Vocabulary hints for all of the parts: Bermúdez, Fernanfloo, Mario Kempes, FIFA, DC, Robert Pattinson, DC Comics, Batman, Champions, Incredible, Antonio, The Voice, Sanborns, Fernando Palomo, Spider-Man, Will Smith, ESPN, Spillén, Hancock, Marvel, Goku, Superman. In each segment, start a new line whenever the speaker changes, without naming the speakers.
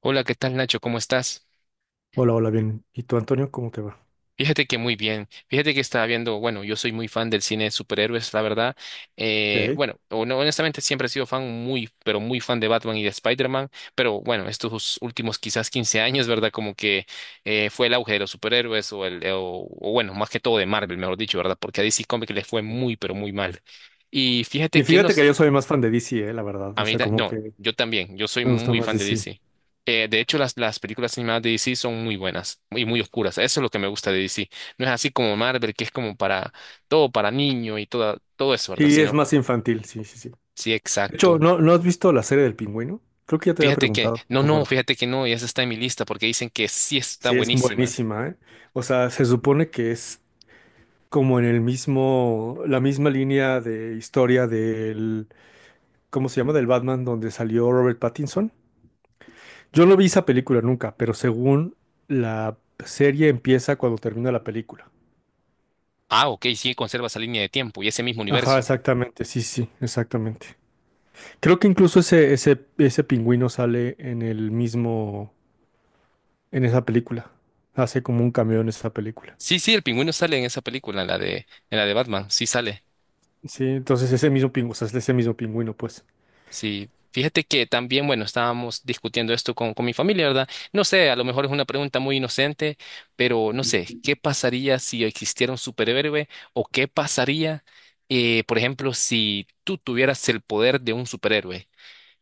Hola, ¿qué tal Nacho? ¿Cómo estás?
Hola, hola, bien. ¿Y tú, Antonio, cómo te va?
Fíjate que muy bien. Fíjate que estaba viendo, bueno, yo soy muy fan del cine de superhéroes, la verdad.
Ok.
Bueno, o no, honestamente siempre he sido fan muy, pero muy fan de Batman y de Spider-Man, pero bueno, estos últimos quizás 15 años, ¿verdad? Como que fue el auge de los superhéroes o bueno, más que todo de Marvel, mejor dicho, ¿verdad? Porque a DC Comics les fue muy, pero muy mal. Y
Y
fíjate que no.
fíjate que yo soy más fan de DC, la verdad.
A
O
mí,
sea, como
no,
que
yo también, yo soy
me gusta
muy
más
fan de
DC.
DC. De hecho, las películas animadas de DC son muy buenas y muy oscuras. Eso es lo que me gusta de DC. No es así como Marvel, que es como para todo, para niño y todo eso, ¿verdad?
Sí es
Sino,
más infantil, sí, sí, sí.
sí,
De hecho,
exacto.
¿no has visto la serie del Pingüino? Creo que ya te había
Fíjate que,
preguntado. No
no,
me
no,
acuerdo.
fíjate que no, y esa está en mi lista porque dicen que sí está
Sí, es
buenísima.
buenísima, ¿eh? O sea, se supone que es como en el mismo, la misma línea de historia del, ¿cómo se llama? Del Batman donde salió Robert Pattinson. Yo no vi esa película nunca, pero según la serie empieza cuando termina la película.
Ah, ok, sí, conserva esa línea de tiempo y ese mismo
Ajá,
universo.
exactamente, sí, sí, exactamente. Creo que incluso ese pingüino sale en el mismo, en esa película. Hace como un cameo en esa película.
Sí, sí, el pingüino sale en esa película, en la de Batman, sí sale.
Sí, entonces ese mismo pingüino, o sea, es ese mismo pingüino, pues.
Sí, fíjate que también, bueno, estábamos discutiendo esto con mi familia, ¿verdad? No sé, a lo mejor es una pregunta muy inocente, pero no sé, ¿qué pasaría si existiera un superhéroe? ¿O qué pasaría, por ejemplo, si tú tuvieras el poder de un superhéroe?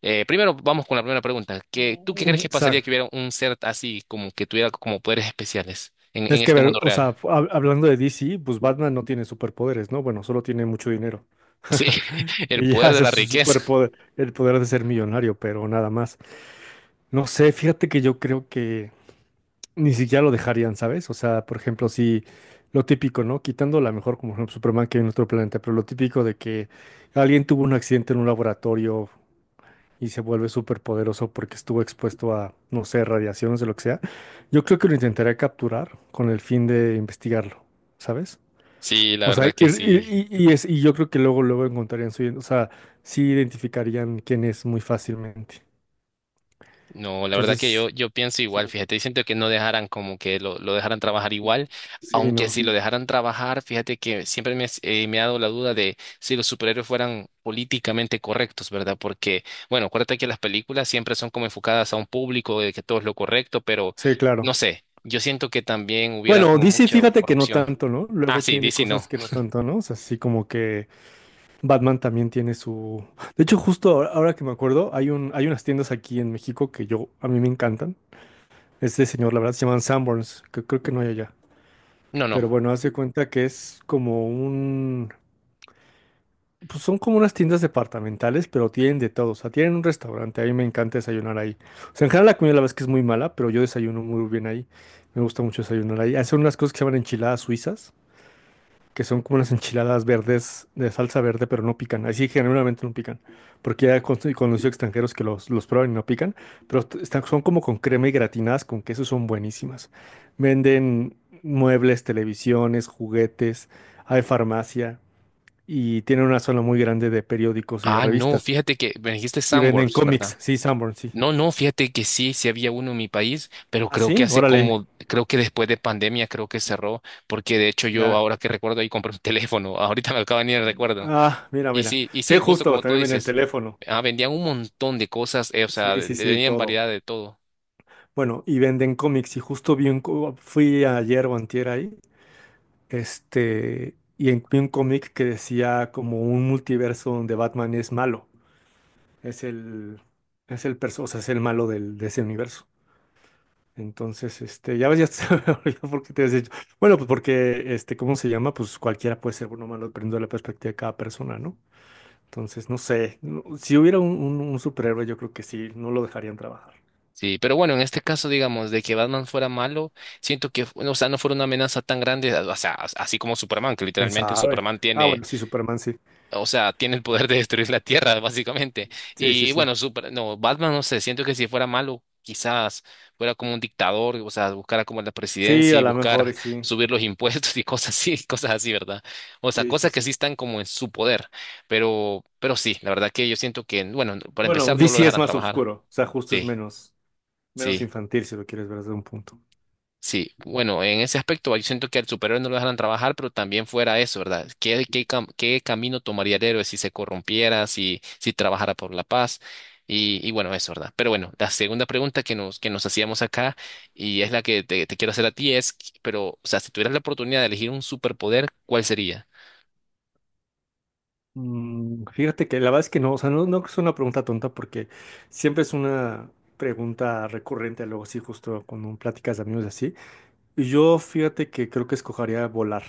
Primero, vamos con la primera pregunta. ¿Qué, tú qué crees
Mm. O
que pasaría
sea,
que hubiera un ser así, como que tuviera como poderes especiales en
es que, a
este
ver,
mundo
o
real?
sea, hablando de DC, pues Batman no tiene superpoderes, ¿no? Bueno, solo tiene mucho dinero.
Sí, el
Y ya
poder de
ese es
la
su
riqueza.
superpoder, el poder de ser millonario, pero nada más. No sé, fíjate que yo creo que ni siquiera lo dejarían, ¿sabes? O sea, por ejemplo, si lo típico, ¿no? Quitando la mejor como por ejemplo, Superman que hay en otro planeta, pero lo típico de que alguien tuvo un accidente en un laboratorio y se vuelve súper poderoso porque estuvo expuesto a, no sé, radiaciones o lo que sea, yo creo que lo intentaría capturar con el fin de investigarlo, ¿sabes?
Sí, la
O sea, y,
verdad que sí.
y- y- y es, y yo creo que luego, luego encontrarían su, o sea, sí identificarían quién es muy fácilmente.
No, la verdad que yo,
Entonces,
yo pienso
sí,
igual, fíjate, y siento que no dejaran como que lo dejaran trabajar igual,
sí,
aunque
no.
si lo dejaran trabajar, fíjate que siempre me ha dado la duda de si los superhéroes fueran políticamente correctos, ¿verdad? Porque, bueno, acuérdate que las películas siempre son como enfocadas a un público, de que todo es lo correcto, pero
Sí,
no
claro.
sé, yo siento que también hubiera
Bueno,
como
DC,
mucha
fíjate que no
corrupción.
tanto, ¿no?
Ah,
Luego
sí,
tiene
DC no,
cosas que no tanto, ¿no? O sea, así como que Batman también tiene su... De hecho, justo ahora, ahora que me acuerdo, hay unas tiendas aquí en México que yo, a mí me encantan. Este señor, la verdad, se llaman Sanborns, que creo que no hay allá.
no, no.
Pero bueno, hace cuenta que es como un... Pues son como unas tiendas departamentales, pero tienen de todo. O sea, tienen un restaurante, a mí me encanta desayunar ahí. O sea, en general la comida la verdad es que es muy mala, pero yo desayuno muy bien ahí. Me gusta mucho desayunar ahí. Hacen unas cosas que se llaman enchiladas suizas que son como unas enchiladas verdes de salsa verde, pero no pican. Así generalmente no pican, porque ya he conocido extranjeros que los prueban y no pican, pero están, son como con crema y gratinadas con queso, son buenísimas. Venden muebles, televisiones, juguetes, hay farmacia y tienen una zona muy grande de periódicos y de
Ah, no,
revistas.
fíjate que me dijiste
Y venden
Sandworms,
cómics,
¿verdad?
sí, Sanborn, sí.
No, no, fíjate que sí, sí había uno en mi país, pero
¿Ah,
creo que
sí?
hace
Órale,
como, creo que después de pandemia creo que cerró, porque de hecho yo
ya.
ahora que recuerdo ahí compré un teléfono, ahorita me acaba de venir el recuerdo.
Ah, mira, mira.
Y
Sí,
sí, justo
justo,
como tú
también venden
dices,
teléfono.
vendían un montón de cosas, o sea,
Sí, sí, sí,
tenían
todo.
variedad de todo.
Bueno, y venden cómics. Y justo fui ayer o antier ahí, este, vi un cómic que decía como un multiverso donde Batman es malo. Es el, es el perso, o sea, es el malo de ese universo. Entonces, este, ya ves, ya se me olvidó por qué te has dicho. Bueno, pues porque, este, ¿cómo se llama? Pues cualquiera puede ser bueno o malo, dependiendo de la perspectiva de cada persona, ¿no? Entonces, no sé. Si hubiera un superhéroe, yo creo que sí, no lo dejarían trabajar.
Sí, pero bueno, en este caso, digamos, de que Batman fuera malo, siento que, o sea, no fuera una amenaza tan grande, o sea, así como Superman, que
¿Quién
literalmente
sabe?
Superman
Ah,
tiene...
bueno, sí, Superman, sí.
O sea, tiene el poder de destruir la Tierra, básicamente.
Sí, sí,
Y
sí.
bueno, no, Batman, no sé, siento que si fuera malo, quizás fuera como un dictador, o sea, buscara como la
Sí,
presidencia
a
y
lo mejor
buscar
y sí.
subir los impuestos y cosas así, cosas así, ¿verdad? O sea,
Sí, sí,
cosas que sí
sí.
están como en su poder. Pero sí, la verdad que yo siento que, bueno, para
Bueno,
empezar no lo
DC es
dejarán
más
trabajar.
oscuro, o sea, justo es
Sí,
menos,
sí.
infantil si lo quieres ver desde un punto.
Sí, bueno, en ese aspecto yo siento que al superhéroe no lo dejaran trabajar, pero también fuera eso, ¿verdad? Qué camino tomaría el héroe si se corrompiera, si trabajara por la paz? Y bueno, eso, ¿verdad? Pero bueno, la segunda pregunta que nos hacíamos acá, y es la que te quiero hacer a ti, es, pero, o sea, si tuvieras la oportunidad de elegir un superpoder, ¿cuál sería?
Fíjate que la verdad es que no, o sea, no, no es una pregunta tonta porque siempre es una pregunta recurrente, luego sí, justo cuando platicas de amigos y así. Y yo fíjate que creo que escogería volar.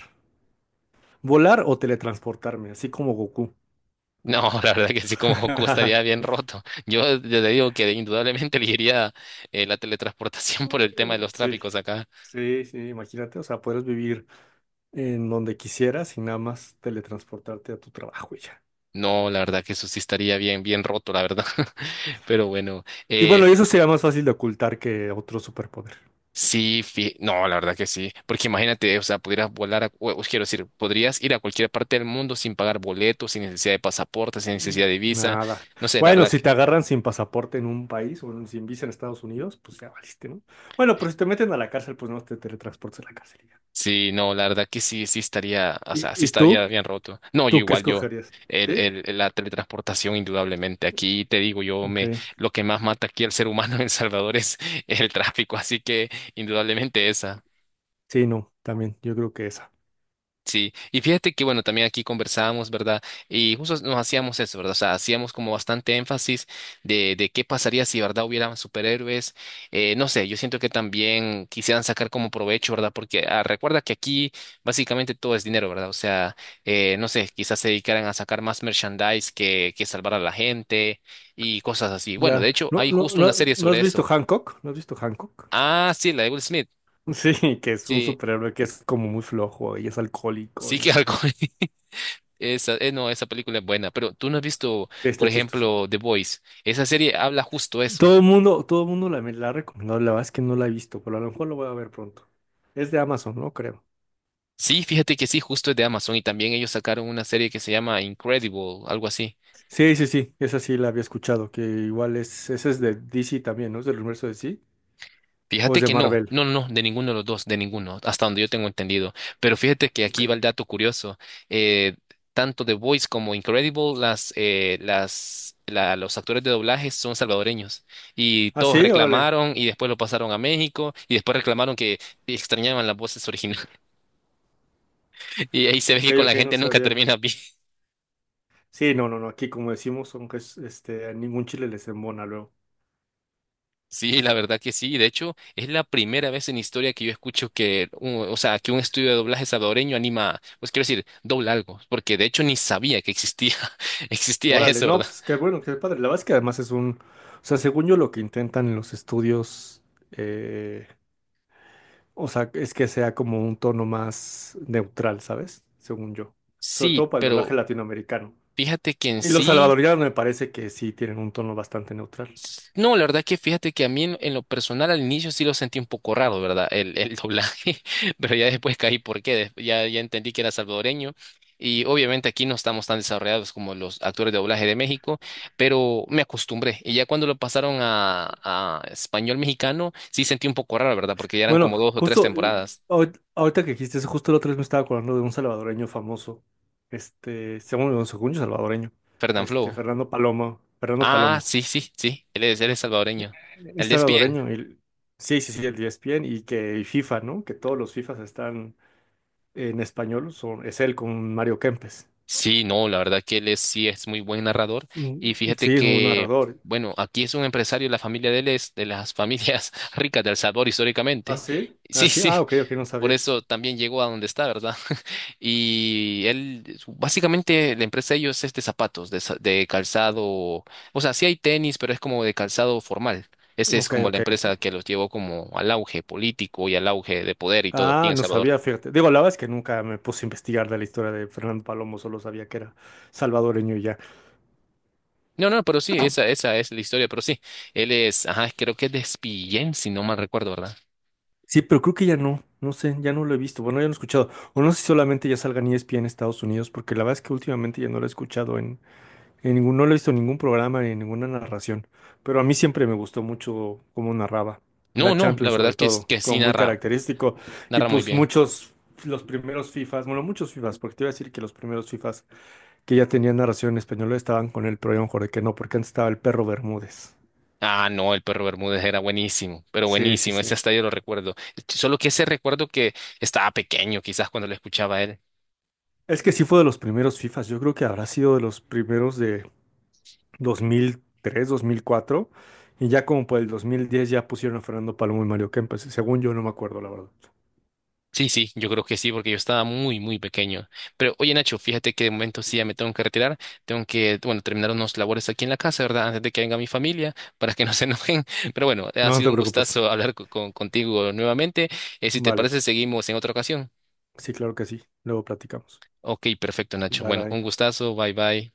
Volar o teletransportarme, así como Goku.
No, la verdad que sí, como Goku estaría bien roto. Yo ya te digo que indudablemente elegiría la teletransportación por el tema de los
Sí,
tráficos acá.
sí, sí, imagínate, o sea, puedes vivir en donde quisieras y nada más teletransportarte a tu trabajo y ya.
No, la verdad que eso sí estaría bien, bien roto, la verdad. Pero bueno,
Y
eh,
bueno, y
fi-
eso sería más fácil de ocultar que otro superpoder.
sí, no, la verdad que sí. Porque imagínate, o sea, pudieras volar, o quiero decir, podrías ir a cualquier parte del mundo sin pagar boletos, sin necesidad de pasaporte, sin
Mm.
necesidad de visa.
Nada.
No sé, la
Bueno,
verdad
si te
que
agarran sin pasaporte en un país o sin visa en Estados Unidos, pues ya valiste, ¿no? Bueno, pero si te meten a la cárcel, pues no te teletransportas a la cárcel y ya.
sí, no, la verdad que sí, estaría, o
¿Y,
sea, sí
y tú?
estaría bien roto. No, yo
¿Tú qué
igual, yo.
escogerías? ¿Sí?
La teletransportación, indudablemente. Aquí te digo,
Ok.
lo que más mata aquí al ser humano en El Salvador es el tráfico, así que indudablemente esa.
Sí, no, también, yo creo que esa.
Sí, y fíjate que bueno, también aquí conversábamos, ¿verdad? Y justo nos hacíamos eso, ¿verdad? O sea, hacíamos como bastante énfasis de qué pasaría si, ¿verdad? Hubieran superhéroes. No sé, yo siento que también quisieran sacar como provecho, ¿verdad? Porque recuerda que aquí básicamente todo es dinero, ¿verdad? O sea, no sé, quizás se dedicaran a sacar más merchandise que salvar a la gente y cosas así. Bueno, de
Ya.
hecho,
¿No,
hay
no,
justo una
no,
serie
no has
sobre
visto
eso.
Hancock? ¿No has visto Hancock?
Ah, sí, la de Will Smith.
Sí, que es un
Sí,
superhéroe que es como muy flojo y es alcohólico
sí que
y
algo. Esa, no, esa película es buena, pero tú no has visto,
sí, está
por
chistoso.
ejemplo, The Voice. Esa serie habla justo eso.
Todo el mundo me la ha recomendado, la verdad es que no la he visto, pero a lo mejor lo voy a ver pronto. Es de Amazon, ¿no? Creo.
Sí, fíjate que sí, justo es de Amazon y también ellos sacaron una serie que se llama Incredible, algo así.
Sí, sí, sí, esa sí la había escuchado, que igual esa es de DC también, ¿no? ¿Es del universo de DC? ¿O es
Fíjate
de
que no,
Marvel?
no, no, no, de ninguno de los dos, de ninguno, hasta donde yo tengo entendido. Pero fíjate que
Ok.
aquí va el dato curioso. eh, Tanto The Voice como Incredible, los actores de doblaje son salvadoreños y
Ah,
todos
sí, órale.
reclamaron y después lo pasaron a México y después reclamaron que extrañaban las voces originales. Y ahí se ve
Ok,
que con
ok,
la
no
gente nunca
sabía.
termina bien.
Sí, no, no, no, aquí como decimos, aunque es, este, a ningún chile les embona luego.
Sí, la verdad que sí. De hecho, es la primera vez en historia que yo escucho que, o sea, que un estudio de doblaje salvadoreño anima, pues quiero decir, dobla algo, porque de hecho ni sabía que existía, existía
Órale,
eso,
no,
¿verdad?
pues qué bueno, qué padre. La verdad es que además o sea, según yo lo que intentan en los estudios, eh, o sea, es que sea como un tono más neutral, ¿sabes? Según yo. Sobre
Sí,
todo para el doblaje
pero
latinoamericano.
fíjate que en
Y los
sí...
salvadoreños me parece que sí tienen un tono bastante neutral.
No, la verdad que fíjate que a mí en lo personal al inicio sí lo sentí un poco raro, ¿verdad? El doblaje, pero ya después caí por qué, ya, entendí que era salvadoreño y obviamente aquí no estamos tan desarrollados como los actores de doblaje de México, pero me acostumbré y ya cuando lo pasaron a español mexicano sí sentí un poco raro, ¿verdad? Porque ya eran
Bueno,
como dos o tres
justo, y
temporadas.
ahorita que dijiste eso, justo el otro día me estaba acordando de un salvadoreño famoso, este, según yo salvadoreño, este,
Fernanfloo.
Fernando Palomo, Fernando
Ah,
Palomo.
sí, sí, sí, él es salvadoreño.
Es
El de ESPN.
salvadoreño. Sí, sí, sí, el ESPN y FIFA, ¿no? Que todos los FIFAs están en español. Es él con Mario Kempes.
Sí, no, la verdad que sí es muy buen narrador. Y
Mm,
fíjate
sí, es un
que,
narrador.
bueno, aquí es un empresario, la familia de él es de las familias ricas de El Salvador
¿Ah,
históricamente.
sí? Ah,
Sí,
sí.
sí,
Ah, ok, ok, no
por
sabía.
eso también llegó a donde está, ¿verdad? Y él, básicamente, la empresa de ellos es de zapatos, de calzado. O sea, sí hay tenis, pero es como de calzado formal. Esa es
Ok,
como la
ok.
empresa que los llevó como al auge político y al auge de poder y todo aquí
Ah,
en El
no
Salvador.
sabía, fíjate. Digo, la verdad es que nunca me puse a investigar de la historia de Fernando Palomo, solo sabía que era salvadoreño y ya.
No, no, pero sí, esa es la historia, pero sí, él es, ajá, creo que es de Spillén, si no mal recuerdo, ¿verdad?
Sí, pero creo que ya no, no sé, ya no lo he visto. Bueno, ya no he escuchado. O no sé si solamente ya salga en ESPN en Estados Unidos, porque la verdad es que últimamente ya no lo he escuchado en. En ningún, no lo he visto en ningún programa ni en ninguna narración, pero a mí siempre me gustó mucho cómo narraba,
No,
la
no, la
Champions sobre
verdad que,
todo,
que
como
sí
muy
narra,
característico. Y
narra muy
pues
bien.
muchos, los primeros FIFAs, bueno, muchos FIFAs, porque te iba a decir que los primeros FIFAs que ya tenían narración en español estaban con él, pero yo me juré que no, porque antes estaba el perro Bermúdez.
Ah, no, el perro Bermúdez era buenísimo, pero
Sí, sí,
buenísimo, ese
sí.
hasta yo lo recuerdo. Solo que ese recuerdo que estaba pequeño, quizás cuando lo escuchaba él.
Es que sí fue de los primeros FIFAs, yo creo que habrá sido de los primeros de dos mil tres, 2004, y ya como por el 2010 ya pusieron a Fernando Palomo y Mario Kempes, según yo no me acuerdo, la verdad.
Sí, sí, yo creo que sí, porque yo estaba muy, muy pequeño. Pero oye, Nacho, fíjate que de momento sí ya me tengo que retirar. Tengo que, bueno, terminar unos labores aquí en la casa, ¿verdad? Antes de que venga mi familia, para que no se enojen. Pero bueno, ha
No, no
sido
te
un
preocupes.
gustazo hablar contigo nuevamente. Si te
Vale,
parece, seguimos en otra ocasión.
sí, claro que sí. Luego platicamos.
Ok, perfecto, Nacho.
Bye
Bueno,
bye.
un gustazo. Bye, bye.